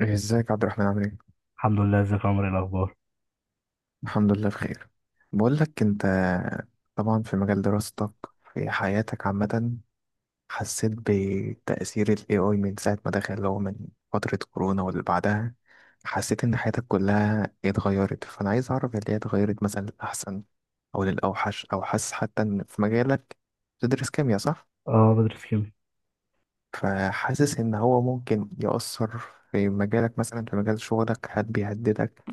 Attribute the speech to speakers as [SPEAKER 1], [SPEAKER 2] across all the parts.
[SPEAKER 1] ازيك يا عبد الرحمن، عامل ايه؟
[SPEAKER 2] الحمد لله. ازيك يا عمر؟ ايه الاخبار؟
[SPEAKER 1] الحمد لله بخير. بقول لك انت، طبعا في مجال دراستك، في حياتك عامة، حسيت بتأثير ال AI من ساعة ما دخل، اللي هو من فترة كورونا واللي بعدها، حسيت ان حياتك كلها اتغيرت. فانا عايز اعرف اللي هي اتغيرت مثلا للأحسن او للأوحش، او حاسس حتى ان في مجالك، تدرس كيمياء صح؟
[SPEAKER 2] اه، بدرس كيمياء.
[SPEAKER 1] فحاسس ان هو ممكن يأثر في مجالك، مثلا في مجال شغلك، هل بيهددك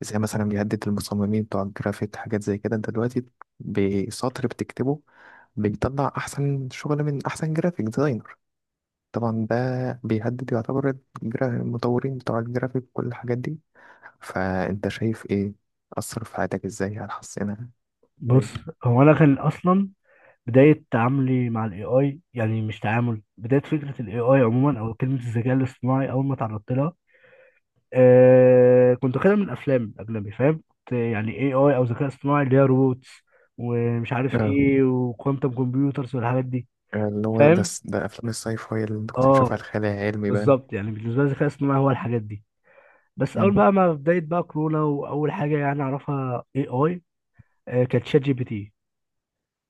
[SPEAKER 1] زي مثلا بيهدد المصممين بتوع الجرافيك، حاجات زي كده. انت دلوقتي بسطر بتكتبه بيطلع احسن شغل من احسن جرافيك ديزاينر. طبعا ده بيهدد، يعتبر المطورين بتوع الجرافيك وكل الحاجات دي. فانت شايف ايه اثر في حياتك؟ ازاي؟ هل حسنها ازاي؟
[SPEAKER 2] بص، هو انا كان اصلا بدايه تعاملي مع الاي اي، يعني مش تعامل بدايه فكره الاي اي عموما، او كلمه الذكاء الاصطناعي اول ما تعرضت لها. كنت واخدها من الافلام الاجنبي، فاهم؟ كنت يعني اي اي او ذكاء اصطناعي اللي هي روبوتس ومش عارف
[SPEAKER 1] اه،
[SPEAKER 2] ايه، وكوانتم كمبيوترز والحاجات دي.
[SPEAKER 1] اللي هو
[SPEAKER 2] فاهم؟
[SPEAKER 1] ده افلام الساي فاي اللي انت كنت
[SPEAKER 2] اه،
[SPEAKER 1] بتشوفها، الخيال العلمي بقى.
[SPEAKER 2] بالظبط. يعني بالنسبه لي الذكاء الاصطناعي هو الحاجات دي. بس
[SPEAKER 1] مم.
[SPEAKER 2] اول بقى ما بدايه بقى كورونا واول حاجه يعني اعرفها اي اي كانت شات جي بي تي.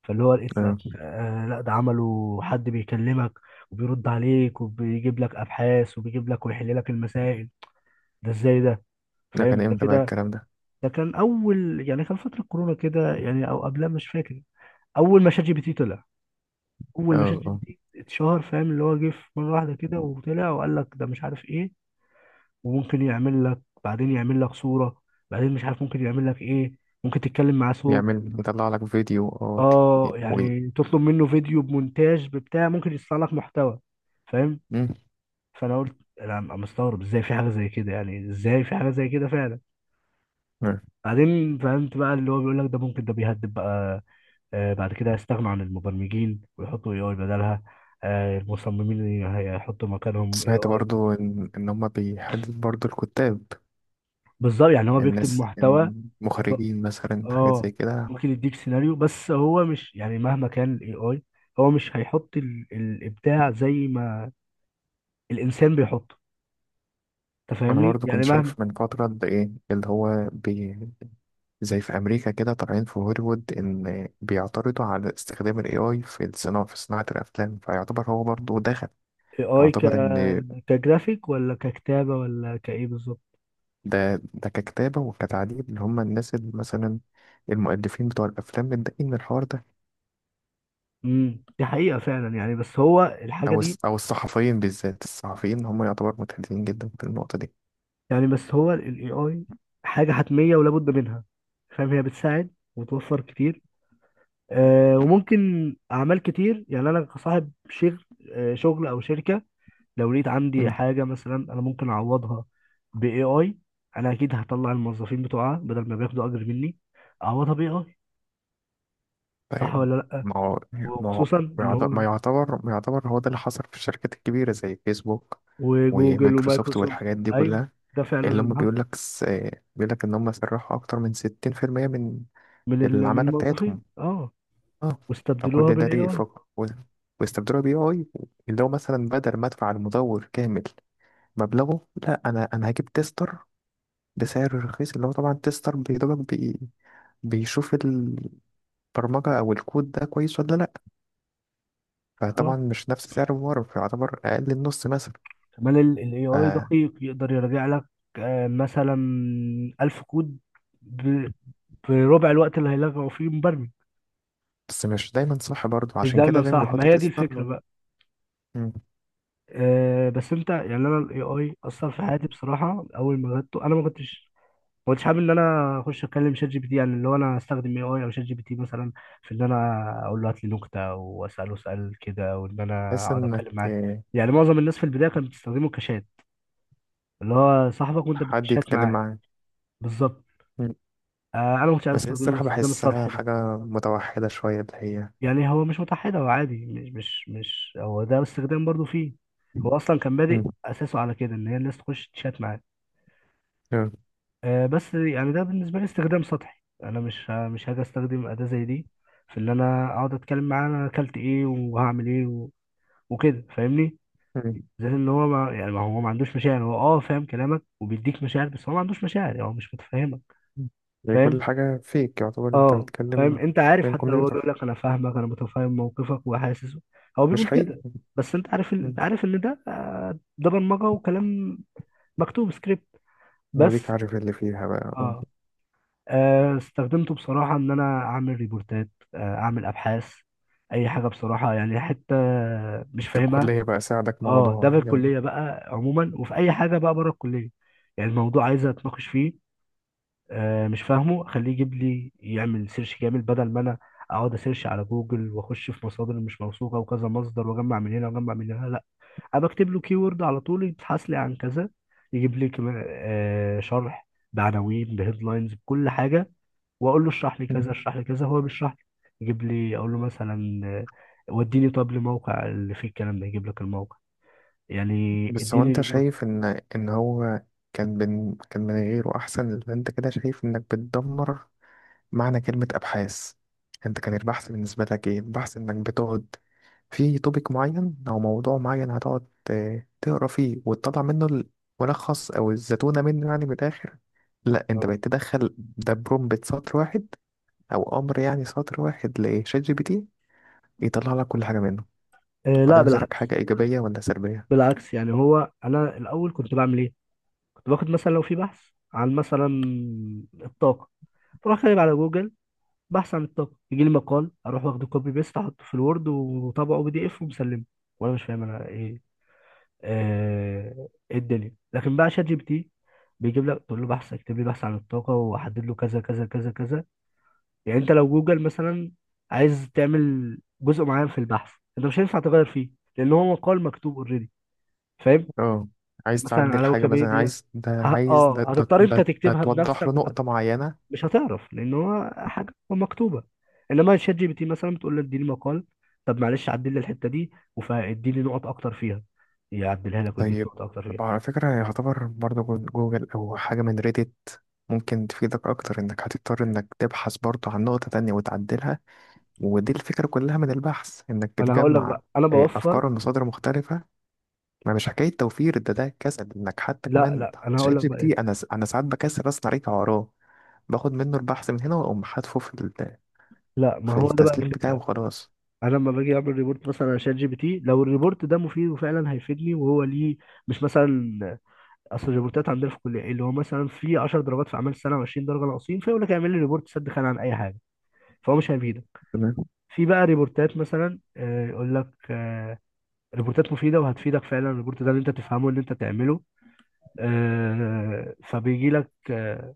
[SPEAKER 2] فاللي هو لقيت
[SPEAKER 1] اه،
[SPEAKER 2] لك، لا، ده عمله حد بيكلمك وبيرد عليك وبيجيب لك ابحاث، وبيجيب لك ويحل لك المسائل؟ ده ازاي ده؟
[SPEAKER 1] ده كان
[SPEAKER 2] فاهم ده
[SPEAKER 1] امتى بقى
[SPEAKER 2] كده؟
[SPEAKER 1] الكلام ده؟
[SPEAKER 2] ده كان اول يعني كان فتره كورونا كده، يعني او قبلها، مش فاكر. اول ما شات جي بي تي طلع، اول ما شات
[SPEAKER 1] اه
[SPEAKER 2] جي بي
[SPEAKER 1] اه،
[SPEAKER 2] تي اتشهر، فاهم؟ اللي هو جه في مره واحده كده وطلع وقال لك ده مش عارف ايه. وممكن يعمل لك بعدين، يعمل لك صوره، بعدين مش عارف ممكن يعمل لك ايه، ممكن تتكلم معاه صوت.
[SPEAKER 1] يعمل يطلع لك فيديو. اه
[SPEAKER 2] اه،
[SPEAKER 1] وي.
[SPEAKER 2] يعني تطلب منه فيديو بمونتاج ببتاع، ممكن يصنع لك محتوى. فاهم؟
[SPEAKER 1] مم.
[SPEAKER 2] فانا قلت انا مستغرب ازاي في حاجه زي كده، يعني ازاي في حاجه زي كده فعلا. بعدين فهمت بقى اللي هو بيقول لك ده ممكن، ده بيهدد بقى. بعد كده هيستغنوا عن المبرمجين ويحطوا اي اي بدلها، المصممين هيحطوا مكانهم اي
[SPEAKER 1] سمعت
[SPEAKER 2] اي.
[SPEAKER 1] برضو إن هما بيحدد برضو الكتاب،
[SPEAKER 2] بالظبط، يعني هو بيكتب
[SPEAKER 1] الناس،
[SPEAKER 2] محتوى. ب-
[SPEAKER 1] المخرجين، مثلا حاجات
[SPEAKER 2] اه،
[SPEAKER 1] زي كده.
[SPEAKER 2] ممكن يديك سيناريو، بس هو مش يعني مهما كان الاي اي هو مش هيحط الابداع زي ما الانسان بيحطه. انت
[SPEAKER 1] أنا
[SPEAKER 2] فاهمني؟
[SPEAKER 1] برضو
[SPEAKER 2] يعني
[SPEAKER 1] كنت
[SPEAKER 2] مهما
[SPEAKER 1] شايف من فترة ده إيه اللي هو زي في أمريكا كده، طالعين في هوليوود إن بيعترضوا على استخدام ال AI في الصناعة، في صناعة الأفلام. فيعتبر هو برضو دخل،
[SPEAKER 2] اي اي
[SPEAKER 1] يعتبر إن
[SPEAKER 2] كجرافيك، ولا ككتابه، ولا كايه بالظبط؟
[SPEAKER 1] ده ككتابة وكتعديل، اللي هما الناس اللي مثلا المؤلفين بتوع الأفلام متضايقين من الحوار ده.
[SPEAKER 2] دي حقيقه فعلا يعني، بس هو الحاجه دي،
[SPEAKER 1] أو الصحفيين، بالذات الصحفيين هم يعتبر متهددين جدا في النقطة دي.
[SPEAKER 2] يعني بس هو الاي اي حاجه حتميه ولا بد منها. فاهم؟ هي بتساعد وتوفر كتير، وممكن اعمال كتير، يعني انا كصاحب شغل، شغل او شركه، لو لقيت عندي حاجه مثلا انا ممكن اعوضها باي اي، انا اكيد هطلع الموظفين بتوعها بدل ما بياخدوا اجر مني، اعوضها باي اي. صح
[SPEAKER 1] طيب.
[SPEAKER 2] ولا لا؟
[SPEAKER 1] ما هو ما هو
[SPEAKER 2] وخصوصا اللي هو
[SPEAKER 1] ما يعتبر هو ده اللي حصل في الشركات الكبيرة زي فيسبوك
[SPEAKER 2] وجوجل
[SPEAKER 1] ومايكروسوفت
[SPEAKER 2] ومايكروسوفت.
[SPEAKER 1] والحاجات دي
[SPEAKER 2] ايوه،
[SPEAKER 1] كلها.
[SPEAKER 2] ده فعلا
[SPEAKER 1] اللي هم
[SPEAKER 2] اللي حصل.
[SPEAKER 1] بيقول لك إن هم سرحوا أكتر من 60% من
[SPEAKER 2] من من
[SPEAKER 1] العمالة
[SPEAKER 2] الموظفين،
[SPEAKER 1] بتاعتهم.
[SPEAKER 2] اه،
[SPEAKER 1] اه. فكل
[SPEAKER 2] واستبدلوها
[SPEAKER 1] ده
[SPEAKER 2] بالاي
[SPEAKER 1] ليه ف...
[SPEAKER 2] اي.
[SPEAKER 1] و... واستبدلوا بي آي، اللي هو مثلا بدل ما أدفع المدور كامل مبلغه، لا، أنا هجيب تيستر بسعر رخيص، اللي هو طبعا تيستر بيشوف البرمجة أو الكود ده كويس ولا لأ.
[SPEAKER 2] اه،
[SPEAKER 1] فطبعا مش نفس سعر الممر، فيعتبر أقل النص مثلا.
[SPEAKER 2] كمان الاي
[SPEAKER 1] ف...
[SPEAKER 2] اي دقيق يقدر يراجع لك، مثلا 1000 كود ب- بربع الوقت اللي هيلغوا فيه مبرمج.
[SPEAKER 1] بس مش دايما صح برضو،
[SPEAKER 2] مش
[SPEAKER 1] عشان كده
[SPEAKER 2] دايما
[SPEAKER 1] دايما
[SPEAKER 2] صح، ما
[SPEAKER 1] بيحط
[SPEAKER 2] هي دي
[SPEAKER 1] تيستر.
[SPEAKER 2] الفكره بقى. بس انت يعني، انا الاي اي اثر في حياتي بصراحه. اول ما غدته انا ما كنتش حابب ان انا اخش اتكلم شات جي بي تي، يعني اللي هو انا استخدم اي اي او شات جي بي تي مثلا في ان انا اقول له هات لي نكته واساله سؤال كده، وان انا
[SPEAKER 1] بحيث
[SPEAKER 2] اقعد
[SPEAKER 1] إنك
[SPEAKER 2] اتكلم معاه.
[SPEAKER 1] آه،
[SPEAKER 2] يعني معظم الناس في البدايه كانت بتستخدمه كشات، اللي هو صاحبك وانت
[SPEAKER 1] حد
[SPEAKER 2] بتشات
[SPEAKER 1] يتكلم
[SPEAKER 2] معاه.
[SPEAKER 1] معاه.
[SPEAKER 2] بالظبط.
[SPEAKER 1] مم.
[SPEAKER 2] انا ما كنتش عايز
[SPEAKER 1] بس هي
[SPEAKER 2] استخدمه
[SPEAKER 1] الصراحة
[SPEAKER 2] الاستخدام
[SPEAKER 1] بحسها
[SPEAKER 2] السطحي ده.
[SPEAKER 1] حاجة متوحدة شوية اللي هي.
[SPEAKER 2] يعني هو مش متحد، هو عادي، مش هو ده استخدام برضو فيه. هو اصلا كان
[SPEAKER 1] مم.
[SPEAKER 2] بادئ اساسه على كده، ان هي الناس تخش تشات معاه.
[SPEAKER 1] آه.
[SPEAKER 2] بس يعني ده بالنسبة لي استخدام سطحي، أنا مش هاجي أستخدم أداة زي دي في إن أنا أقعد أتكلم معاه، أنا أكلت إيه وهعمل إيه وكده، فاهمني؟
[SPEAKER 1] مم.
[SPEAKER 2] زي إن هو ما يعني، ما هو ما عندوش مشاعر. هو أه فاهم كلامك وبيديك مشاعر، بس هو ما عندوش مشاعر، يعني هو مش متفهمك.
[SPEAKER 1] هي كل
[SPEAKER 2] فاهم؟
[SPEAKER 1] حاجة فيك، يعتبر أنت
[SPEAKER 2] أه فاهم.
[SPEAKER 1] بتتكلم
[SPEAKER 2] أنت عارف
[SPEAKER 1] بين
[SPEAKER 2] حتى لو هو بيقول
[SPEAKER 1] كمبيوتر،
[SPEAKER 2] لك أنا فاهمك، أنا متفهم موقفك وحاسس، هو
[SPEAKER 1] مش
[SPEAKER 2] بيقول
[SPEAKER 1] حقيقي.
[SPEAKER 2] كده، بس أنت عارف
[SPEAKER 1] مم.
[SPEAKER 2] أنت عارف إن ده ده برمجة وكلام مكتوب سكريبت
[SPEAKER 1] هديك
[SPEAKER 2] بس.
[SPEAKER 1] عارف اللي فيها بقى. آه.
[SPEAKER 2] أه، استخدمته بصراحة إن أنا أعمل ريبورتات، أعمل أبحاث، أي حاجة بصراحة. يعني حتة مش
[SPEAKER 1] في
[SPEAKER 2] فاهمها،
[SPEAKER 1] الكلية بقى ساعدك
[SPEAKER 2] أه، ده في
[SPEAKER 1] موضوع يلا؟
[SPEAKER 2] الكلية بقى عموما وفي أي حاجة بقى بره الكلية، يعني الموضوع عايز أتناقش فيه، مش فاهمه، أخليه يجيب لي يعمل سيرش كامل بدل ما أنا أقعد أسيرش على جوجل وأخش في مصادر مش موثوقة وكذا مصدر وأجمع من هنا وأجمع من هنا. لأ، أنا بكتب له كيورد على طول، يبحث لي عن كذا، يجيب لي كمان شرح بعناوين بهيدلاينز بكل حاجة، واقول له اشرح لي كذا، اشرح لي كذا، هو بيشرح لي. يجيب لي، اقول له مثلا وديني طب لموقع اللي فيه الكلام ده، يجيب لك الموقع، يعني
[SPEAKER 1] بس هو
[SPEAKER 2] اديني
[SPEAKER 1] انت
[SPEAKER 2] ريبورت.
[SPEAKER 1] شايف ان هو كان كان من غيره احسن، اللي انت كده شايف انك بتدمر معنى كلمة ابحاث. انت كان البحث بالنسبة لك ايه؟ البحث انك بتقعد في توبيك معين او موضوع معين، هتقعد تقرا فيه وتطلع منه الملخص او الزتونة منه، يعني من الاخر. لا، انت
[SPEAKER 2] آه.
[SPEAKER 1] بقيت تدخل ده برومبت سطر واحد او امر، يعني سطر واحد لشات جي بي تي، يطلع لك كل حاجة منه.
[SPEAKER 2] آه
[SPEAKER 1] فده
[SPEAKER 2] لا،
[SPEAKER 1] بالنسبة لك
[SPEAKER 2] بالعكس.
[SPEAKER 1] حاجة ايجابية ولا سلبية؟
[SPEAKER 2] بالعكس، يعني هو انا الاول كنت بعمل ايه؟ كنت باخد مثلا لو في بحث عن مثلا الطاقه، بروح كاتب على جوجل بحث عن الطاقه، يجي لي مقال، اروح واخده كوبي بيست، احطه في الوورد وطبعه بي دي اف ومسلمه، وانا مش فاهم انا ايه آه، الدنيا. لكن بقى شات جي بي تي بيجيب لك، تقول له بحث، اكتب لي بحث عن الطاقة، واحدد له كذا كذا كذا كذا. يعني انت لو جوجل مثلا عايز تعمل جزء معين في البحث، انت مش هينفع تغير فيه، لان هو مقال مكتوب اوريدي. فاهم؟
[SPEAKER 1] اه، عايز
[SPEAKER 2] مثلا
[SPEAKER 1] تعدل
[SPEAKER 2] على
[SPEAKER 1] حاجة مثلا،
[SPEAKER 2] ويكيبيديا،
[SPEAKER 1] عايز ده، عايز ده
[SPEAKER 2] اه
[SPEAKER 1] ده
[SPEAKER 2] هتضطر انت
[SPEAKER 1] ده, ده
[SPEAKER 2] تكتبها
[SPEAKER 1] توضح له
[SPEAKER 2] بنفسك
[SPEAKER 1] نقطة معينة.
[SPEAKER 2] مش هتعرف، لان هو حاجة مكتوبة. انما شات جي بي تي مثلا بتقول له اديني مقال، طب معلش عدل لي الحتة دي واديني نقط اكتر فيها، يعدلها لك ويديك
[SPEAKER 1] طيب.
[SPEAKER 2] نقط اكتر فيها.
[SPEAKER 1] طب على فكرة يعتبر برضه جوجل أو حاجة من ريديت ممكن تفيدك أكتر، إنك هتضطر إنك تبحث برضه عن نقطة تانية وتعدلها. ودي الفكرة كلها من البحث، إنك
[SPEAKER 2] ما انا هقول لك
[SPEAKER 1] بتجمع
[SPEAKER 2] بقى، انا
[SPEAKER 1] آه،
[SPEAKER 2] بوفر.
[SPEAKER 1] أفكار ومصادر مختلفة. ما مش حكاية توفير، ده كسل إنك حتى
[SPEAKER 2] لا
[SPEAKER 1] كمان
[SPEAKER 2] لا، انا هقول
[SPEAKER 1] شات
[SPEAKER 2] لك
[SPEAKER 1] جي بي
[SPEAKER 2] بقى
[SPEAKER 1] تي،
[SPEAKER 2] ايه.
[SPEAKER 1] أنا ساعات بكسل أصلا أراجع وراه، باخد منه البحث من هنا وأقوم حاتفه
[SPEAKER 2] لا، ما
[SPEAKER 1] في
[SPEAKER 2] هو ده بقى
[SPEAKER 1] التسليم بتاعي
[SPEAKER 2] الفكره.
[SPEAKER 1] وخلاص.
[SPEAKER 2] انا لما باجي اعمل ريبورت مثلا على شات جي بي تي، لو الريبورت ده مفيد وفعلا هيفيدني وهو ليه، مش مثلا، اصل الريبورتات عندنا في الكليه، اللي هو مثلا في 10 درجات في اعمال السنه و20 درجه ناقصين، فيقول لك اعمل لي ريبورت سد خانه عن اي حاجه، فهو مش هيفيدك.
[SPEAKER 1] تمام.
[SPEAKER 2] في بقى ريبورتات مثلا، يقول لك ريبورتات مفيده وهتفيدك فعلا، الريبورت ده اللي انت تفهمه، اللي انت تعمله، فبيجي لك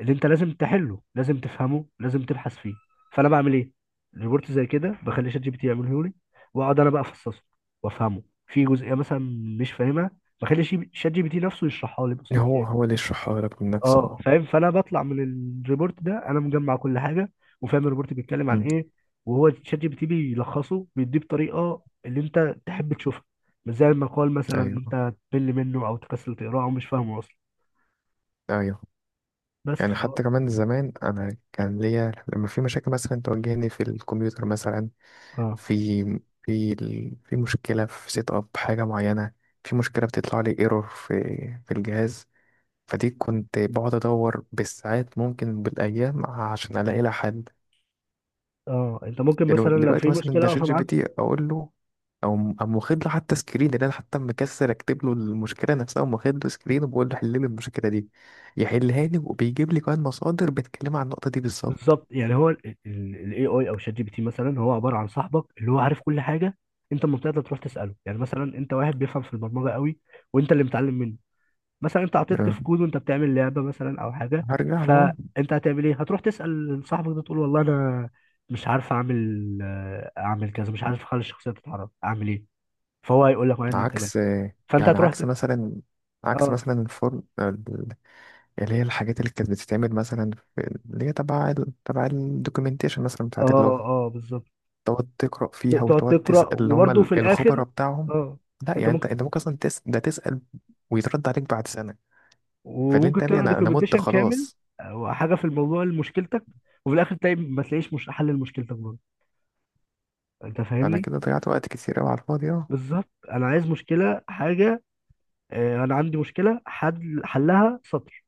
[SPEAKER 2] اللي انت لازم تحله، لازم تفهمه، لازم تبحث فيه. فانا بعمل ايه؟ ريبورت زي كده بخلي شات جي بي تي يعمله لي، واقعد انا بقى افصصه وافهمه. في جزئيه مثلا مش فاهمها، بخلي شات جي بي تي نفسه يشرحها لي باسلوب
[SPEAKER 1] هو
[SPEAKER 2] تاني.
[SPEAKER 1] هو اللي يشرحها لك من نفسه،
[SPEAKER 2] اه
[SPEAKER 1] اه.
[SPEAKER 2] فاهم؟ فانا بطلع من الريبورت ده انا مجمع كل حاجه، وفاهم الريبورت بيتكلم عن
[SPEAKER 1] مم.
[SPEAKER 2] ايه، وهو شات جي بي تي بيلخصه بيديه بطريقه اللي انت تحب تشوفها، مش زي المقال مثلا اللي
[SPEAKER 1] ايوه،
[SPEAKER 2] انت تمل منه او تكسل تقراه او مش فاهمه اصلا.
[SPEAKER 1] ايوه.
[SPEAKER 2] بس
[SPEAKER 1] يعني حتى كمان زمان انا كان ليا لما في مشاكل مثلا تواجهني في الكمبيوتر مثلا،
[SPEAKER 2] اه،
[SPEAKER 1] في في مشكله في سيت اب حاجه معينه، في مشكله بتطلع لي ايرور في الجهاز. فدي كنت بقعد ادور بالساعات، ممكن بالايام، عشان الاقي لها حل.
[SPEAKER 2] اه، انت ممكن مثلا لو في
[SPEAKER 1] دلوقتي مثلا
[SPEAKER 2] مشكله
[SPEAKER 1] ده شات
[SPEAKER 2] واقفه
[SPEAKER 1] جي
[SPEAKER 2] معاك.
[SPEAKER 1] بي تي اقول له، او م- أم واخد له حتى سكرين، اللي انا حتى مكسر، اكتب له المشكله نفسها. قام واخد له سكرين وبقول له حل لي المشكله دي، يحلها لي وبيجيب لي كمان مصادر بتتكلم عن النقطه دي بالظبط.
[SPEAKER 2] بالظبط، يعني هو الاي اي او شات جي بي تي مثلا، هو عباره عن صاحبك اللي هو عارف كل حاجه، انت لما بتقدر تروح تساله. يعني مثلا انت واحد بيفهم في البرمجه قوي وانت اللي متعلم منه، مثلا انت عطلت
[SPEAKER 1] آه،
[SPEAKER 2] في كود وانت بتعمل لعبه مثلا او حاجه،
[SPEAKER 1] هرجع له.
[SPEAKER 2] فانت هتعمل ايه؟ هتروح تسال صاحبك ده، تقول والله انا مش عارف اعمل، اعمل كذا، مش عارف اخلي الشخصيه تتحرك، اعمل ايه؟ فهو هيقول لك واحد اتنين تلاته.
[SPEAKER 1] عكس آه،
[SPEAKER 2] فانت
[SPEAKER 1] يعني
[SPEAKER 2] هتروح
[SPEAKER 1] عكس مثلا عكس
[SPEAKER 2] اه،
[SPEAKER 1] مثلا الفرن اللي هي الحاجات اللي كانت بتتعمل مثلا في اللي هي تبع تبع الدوكيومنتيشن مثلا
[SPEAKER 2] اه،
[SPEAKER 1] بتاعت اللغه،
[SPEAKER 2] اه بالظبط.
[SPEAKER 1] تقعد تقرأ فيها
[SPEAKER 2] تقعد
[SPEAKER 1] وتقعد
[SPEAKER 2] تقرا
[SPEAKER 1] تسأل اللي هم
[SPEAKER 2] وبرده في الاخر،
[SPEAKER 1] الخبراء بتاعهم.
[SPEAKER 2] اه
[SPEAKER 1] لا
[SPEAKER 2] انت
[SPEAKER 1] يعني انت
[SPEAKER 2] ممكن،
[SPEAKER 1] انت ممكن اصلا ده تسأل، ويترد عليك بعد سنة. فاللي انت
[SPEAKER 2] وممكن
[SPEAKER 1] يا ابني
[SPEAKER 2] تقرا
[SPEAKER 1] انا مت
[SPEAKER 2] دوكيومنتيشن كامل
[SPEAKER 1] خلاص.
[SPEAKER 2] او حاجه في الموضوع لمشكلتك، وفي الاخر تلاقي ما تلاقيش، مش حل لمشكلتك برضه. انت
[SPEAKER 1] انا
[SPEAKER 2] فاهمني؟
[SPEAKER 1] كده ضيعت وقت كتير قوي على الفاضي. اه.
[SPEAKER 2] بالظبط. انا عايز مشكله، حاجه، انا عندي مشكله، حد حلها سطر،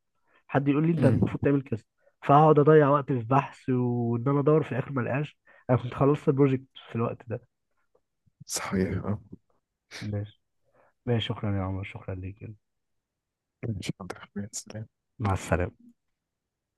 [SPEAKER 2] حد يقول لي انت
[SPEAKER 1] مم.
[SPEAKER 2] المفروض تعمل كذا. فهقعد اضيع وقت في بحث وان انا ادور، في الاخر ما الاقاش. انا كنت خلصت البروجكت في الوقت ده.
[SPEAKER 1] صحيح اه.
[SPEAKER 2] ماشي. ماشي، شكرا يا عمر، شكرا ليك.
[SPEAKER 1] ماشي، حاضر.
[SPEAKER 2] مع السلامه.